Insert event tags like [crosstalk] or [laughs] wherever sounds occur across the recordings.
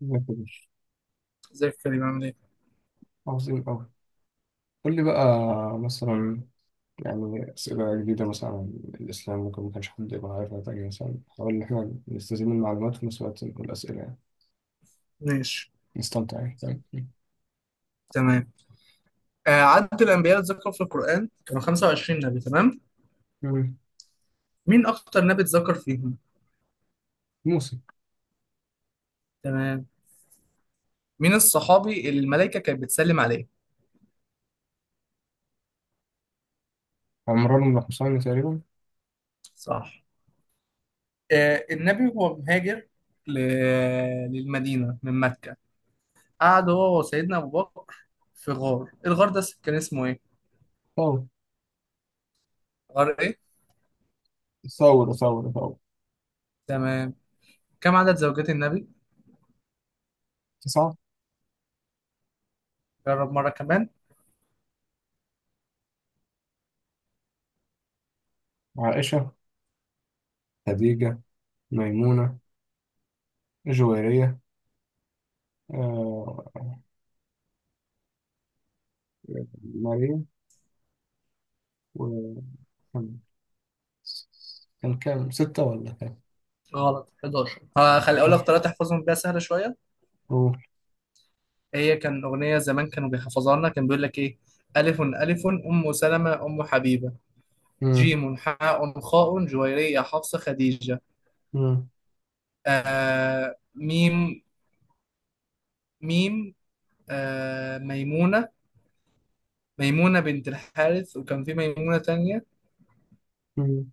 ما كبير. ازيك يا كريم، عامل ايه؟ عظيم أوي. قول لي بقى. مثلا، يعني أسئلة جديدة مثلا عن الإسلام ممكن ما كانش حد يبقى عارفها تاني، مثلا نحاول إن إحنا نستزيد من المعلومات وفي نفس الوقت نقول أسئلة يعني. ماشي. نستمتع يعني، فاهم؟ تمام. آه، عدد الأنبياء اللي اتذكروا في القرآن كانوا 25 نبي، تمام؟ مم. مين أكتر نبي اتذكر فيهم؟ موسى. تمام. مين الصحابي اللي الملائكة كانت بتسلم عليه؟ عمران بن حسين تقريبا. صح. آه، النبي هو مهاجر ل... للمدينة من مكة. قعد هو وسيدنا أبو بكر في غار. الغار ده كان اسمه ايه؟ ثور. غار ايه؟ ثور ثور ثور. تمام. كم عدد زوجات النبي؟ تسعة. جرب مرة كمان. عائشة، خديجة، ميمونة، جويرية، آه، مريم، و كان كان كام، ستة ولا كام؟ غلط، 11. هخلي أقول لك حلو. ثلاثة احفظهم بيها، سهلة شوية. أوه. هي كان أغنية زمان كانوا بيحفظوها لنا، كان بيقول لك إيه: ألف ألف أم سلمة أم حبيبة، مم. جيم حاء خاء جويرية حفصة خديجة، مم. آه ميم ميم، آه ميمونة. ميمونة بنت الحارث، وكان في ميمونة تانية. مم.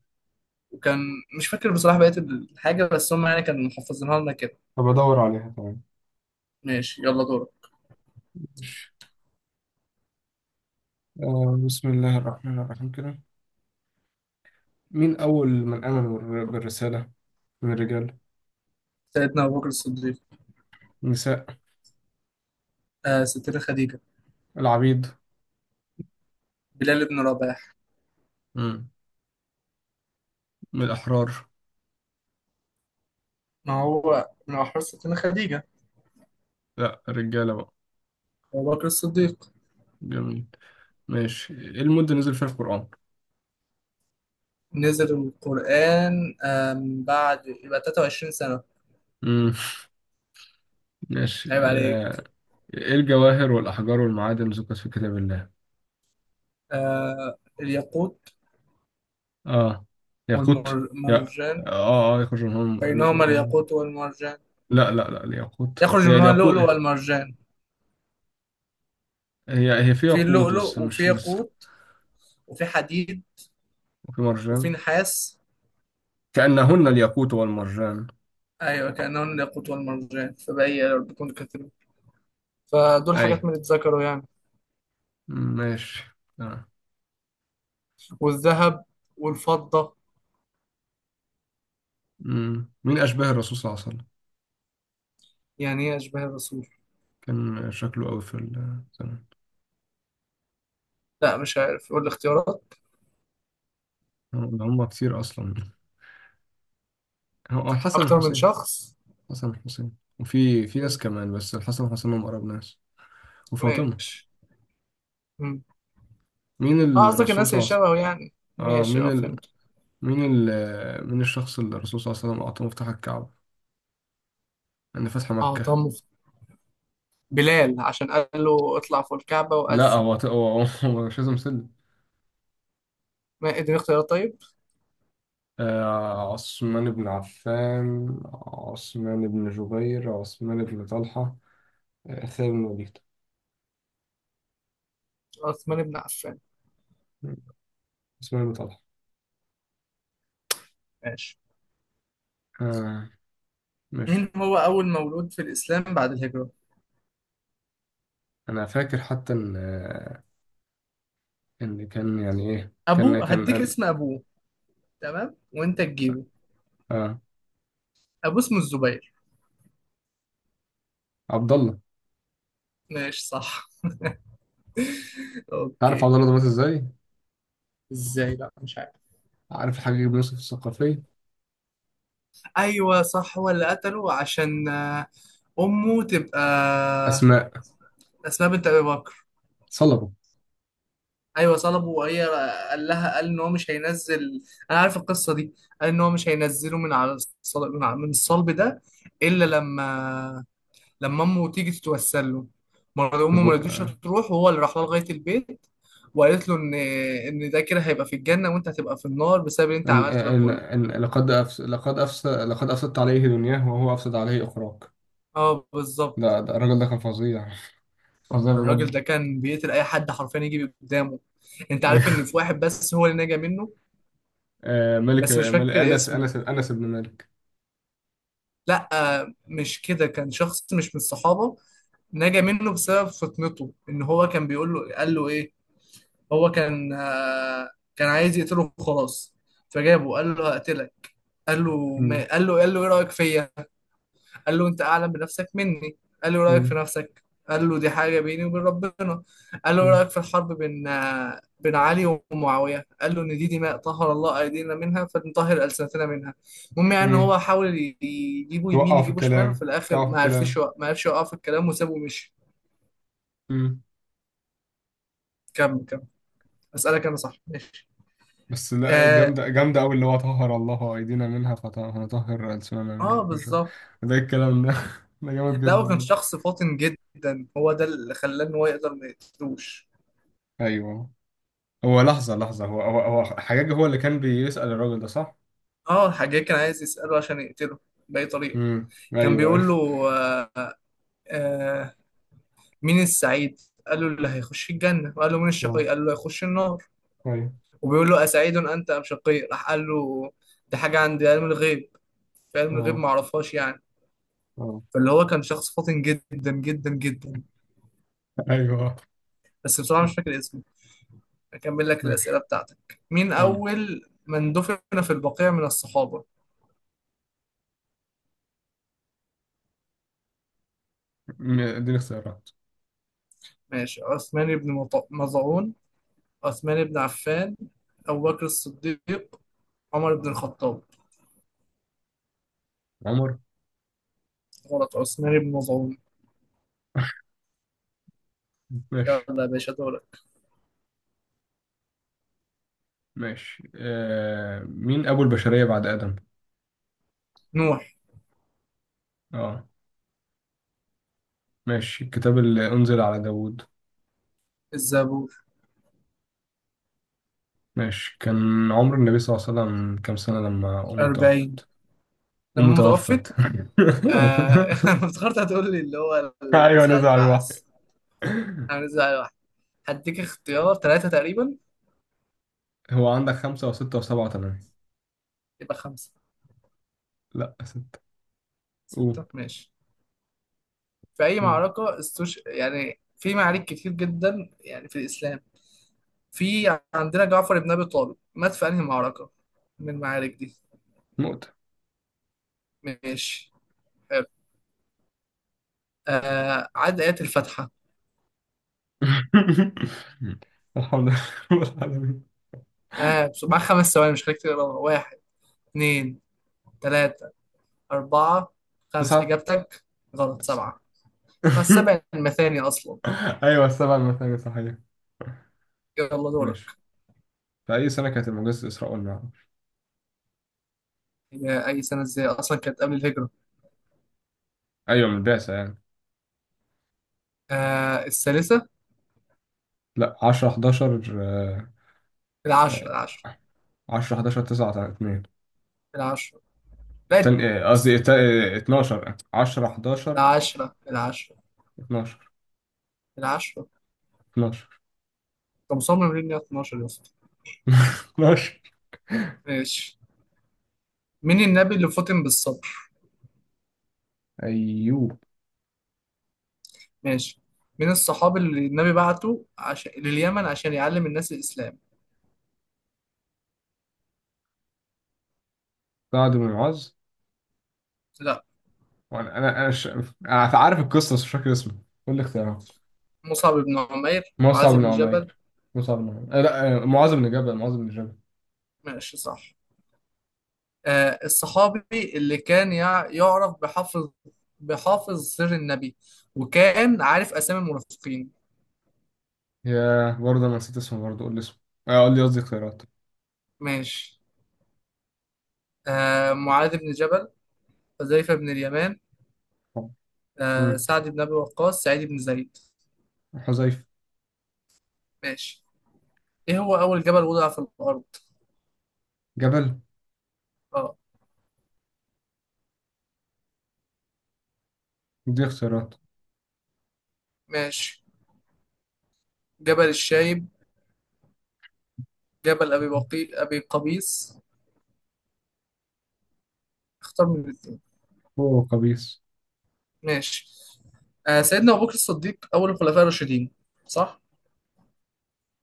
وكان مش فاكر بصراحة بقية الحاجة، بس هم يعني كانوا محفظينها لنا كده. طب أدور عليها. تمام. ماشي، يلا دورك. آه بسم الله الرحمن الرحيم كده. مين أول من آمن بالرسالة من الرجال؟ سيدنا أبو بكر الصديق. النساء؟ آه، ستنا خديجة. العبيد؟ بلال بن رباح. مم. من الأحرار؟ ما هو من أحرار ستنا خديجة. لا الرجالة بقى. أبو بكر الصديق. جميل. ماشي، إيه المدة نزل فيها القرآن؟ نزل القرآن بعد يبقى 23 سنة. مم. [laughs] ماشي، عيب عليك. إيه الجواهر والأحجار والمعادن ذكرت في كتاب الله؟ آه، الياقوت. آه ياقوت. لا، والمرجان. يخرج منهم بينهما لؤلؤ. الياقوت والمرجان. لا لا لا، الياقوت يخرج هي منهما الياقوت. اللؤلؤ والمرجان. هي هي في في ياقوت بس، اللؤلؤ وفي مش. ياقوت وفي حديد وفي وفي مرجان. نحاس. كأنهن الياقوت والمرجان. أيوة، كأنهن الياقوت والمرجان، فبأي ربكم تكذبون. فدول أي. حاجات ما تتذكروا يعني. مم، ماشي. تمام. والذهب والفضة. مم. مين أشباه الرسول صلى الله عليه وسلم؟ يعني إيه أشباه الرسول؟ كان شكله قوي في الزمن. لا، مش عارف، قول الاختيارات. هم كتير أصلا. هو الحسن أكتر من والحسين. شخص. الحسن والحسين وفي ناس كمان، بس الحسن والحسين هم أقرب ناس. وفاطمة. ماشي. مين اه، قصدك الرسول الناس صلى اللي الله عليه وسلم؟ شبهه يعني. اه، ماشي، مين اه، فهمت. مين الشخص اللي الرسول صلى الله عليه وسلم أعطاه مفتاح الكعبة أن فتح اه مكة؟ طب، بلال عشان قال له اطلع فوق الكعبة لا، وأذن. هو [laughs] هو مش لازم سلم. ما اديني اختيارات طيب. عثمان بن عفان، عثمان بن جبير، عثمان بن طلحة، خالد بن وليد. عثمان بن عفان. مم. عثمان بن طلحة. ماشي. آه. مين ماشي. هو أول مولود في الإسلام بعد الهجرة؟ أنا فاكر حتى إن، إن كان يعني إيه، كان أبوه، كان هديك آه. اسم أبوه. تمام، وأنت تجيبه. آه، أبوه اسمه الزبير. عبد الله. ماشي، صح. [laughs] عارف عبد أوكي. الله ده مات إزاي؟ إزاي؟ لا، مش عارف. عارف الحاج بن يوسف الثقفي؟ أيوه، صح، هو اللي قتله عشان أمه تبقى أسماء. أسماء بنت أبي بكر. صلبه. ايوه، طلبه وهي قال لها ان هو مش هينزل. انا عارف القصه دي. قال ان هو مش هينزله من على الصل... من ع- من الصلب ده الا لما امه تيجي تتوسل له. مرة في امه ما بو- رضيتش تروح، وهو اللي راح لها لغايه البيت، وقالت له ان ده كده هيبقى في الجنه وانت هتبقى في النار بسبب اللي انت إن عملته ده إن كله. إن، لقد أفسدت عليه دنياه وهو أفسد عليه أخراه. اه، بالظبط. ده ده الراجل ده كان فظيع. [laughs] فظيع الراجل ده بجد. كان بيقتل اي حد حرفيا يجي قدامه. انت عارف ان أيوه. في واحد بس هو اللي نجا منه. آه، ملك بس مش ملك فاكر أنس اسمه. أنس أنس بن مالك. لا، مش كده، كان شخص مش من الصحابة. نجا منه بسبب فطنته، ان هو كان بيقول له قال له ايه. هو كان كان عايز يقتله وخلاص. فجابه قال له هقتلك. قال له، مم. ما قال له ايه رأيك فيا. قال له انت اعلم بنفسك مني. قال له رايك مم. في نفسك. قال له دي حاجه بيني وبين ربنا. قال له مم. رايك في الحرب بين بين علي ومعاويه. قال له ان دي دماء طهر الله ايدينا منها فنطهر السنتنا منها. المهم يعني ان مم. هو حاول يجيبه يمين وقعوا في يجيبه شمال، وفي الكلام، الاخر وقعوا في الكلام. ما عرفش يوقف الكلام وسابه ومشي. مم. كمل كمل. اسالك انا، صح؟ ماشي. بس لا، اه, جامدة جامدة أوي اللي هو، طهر الله أيدينا منها فنطهر ألسننا منها، آه، وكده شوية. بالظبط. ده الكلام ده، [laughs] ده جامد لا، جدا هو كان ده. شخص فاطن جدا، هو ده اللي خلاه ان هو يقدر ما يقتلوش. أيوه. هو لحظة لحظة، هو حجاج هو اللي كان بيسأل الراجل ده صح؟ اه، الحاج كان عايز يساله عشان يقتله باي طريقه. امم، كان أيوه أيوه. بيقول له آه، آه، مين السعيد؟ قال له اللي هيخش الجنة. وقال له مين [laughs] اه. الشقي؟ قال له هيخش النار. ايوه. وبيقول له أسعيد أنت أم شقي؟ راح قال له ده حاجة عند علم الغيب، في علم الغيب اه. معرفهاش يعني. اه. فاللي هو كان شخص فاطن جدا جدا جدا. أيوه. بس بصراحة مش فاكر اسمه. أكمل لك الأسئلة ماشي. بتاعتك. مين كمل. أول من دفن في البقيع من الصحابة؟ اديني اختيارات. ماشي، عثمان بن مظعون، عثمان بن عفان، أبو بكر الصديق، عمر بن الخطاب. عمر. غلط، عثمان بن مظعون. [laughs] يلا ماشي. يا باشا دورك. ماشي، مين أبو البشرية بعد آدم؟ نوح. اه. ماشي، الكتاب اللي أنزل على داوود. الزبور. ماشي، كان عمر النبي صلى الله عليه وسلم كام سنة لما أمه 40. توفت؟ أمه لما متوفت. توفت. آه، [laughs] [laughs] أنا افتكرت هتقول لي اللي هو أيوة نزل على نزل على الوحي. البعث، أنا نزل على واحد. هديك اختيار ثلاثة تقريبا. هو عندك خمسة وستة وسبعة وثمانية. يبقى خمسة. لا، ستة. قول. ستة ماشي. في أي مم. معركة استوش، يعني في معارك كتير جدا يعني في الإسلام. في عندنا جعفر بن أبي طالب مات في أنهي معركة من المعارك دي. نقطة. ماشي، حلو. آه، عد آيات الفاتحة. [laughs] الحمد لله، رب العالمين. آه مع خمس ثواني، مش خليك تقراها. واحد، اتنين، تلاتة، أربعة، خمسة. تسعة. إجابتك؟ غلط، سبعة. فالسبع [laughs] المثاني أصلا. أيوة السبعة المثانية، صحيح. يلا ماشي، دورك. في أي سنة كانت المعجزة إسراء والمعراج؟ هي أي سنة إزاي أصلا كانت قبل الهجرة. أيوة من البعثة يعني. آه، الثالثة. لا، 10 11، العشرة آه، العشرة. 10 11 9 2. العشرة. لا، التاني، قصدي الس- 12 10 11. العشرة العشرة. 12. العشرة. 12. أنت مصمم ليه إن هي 12 يا اسطى؟ 12. ماشي. مين النبي اللي فطن بالصبر؟ [laughs] أيوب. ماشي. مين الصحابي اللي النبي بعته عشان لليمن عشان يعلم الناس الإسلام؟ سعد بن معاذ. لا. [laughs] وأنا أنا أنا ش... أنا عارف القصة بس مش فاكر اسمه. قول لي اختيارات. مصعب بن عمير، مصعب معاذ بن بن جبل. عمير. مصعب بن عمير آه، لا آه، معاذ بن جبل معاذ بن جبل. ماشي، صح. آه، الصحابي اللي كان يعرف بحافظ، بحافظ سر النبي، وكان عارف أسامي المنافقين. يا برضه أنا نسيت اسمه برضه، قول لي اسمه. قول لي، قصدي اختيارات. ماشي. آه، معاذ بن جبل، حذيفة بن اليمان، آه، مم. سعد بن أبي وقاص، سعيد بن زيد. حذيفة. ماشي. إيه هو أول جبل وضع في الأرض؟ جبل. أه. دي اختيارات. ماشي. جبل الشايب، جبل أبي بقي أبي قبيس، اختار من الاثنين. هو قبيص. ماشي. آه، سيدنا أبو بكر الصديق أول الخلفاء الراشدين، صح؟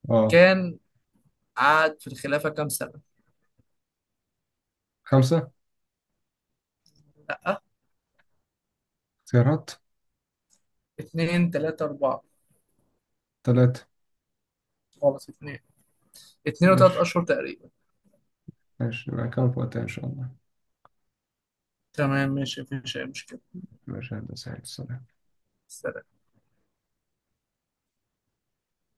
اه. كان قعد في الخلافة كام سنة؟ خمسة. اختيارات. اتنين، تلاتة، أربعة. ثلاثة. خلاص اتنين. اتنين وتلات ماشي. أشهر تقريبا. ماشي يبقى كمان فوقتها إن شاء الله. تمام، ماشي، مفيش أي مشكلة. ماشي يا هندسة السلام.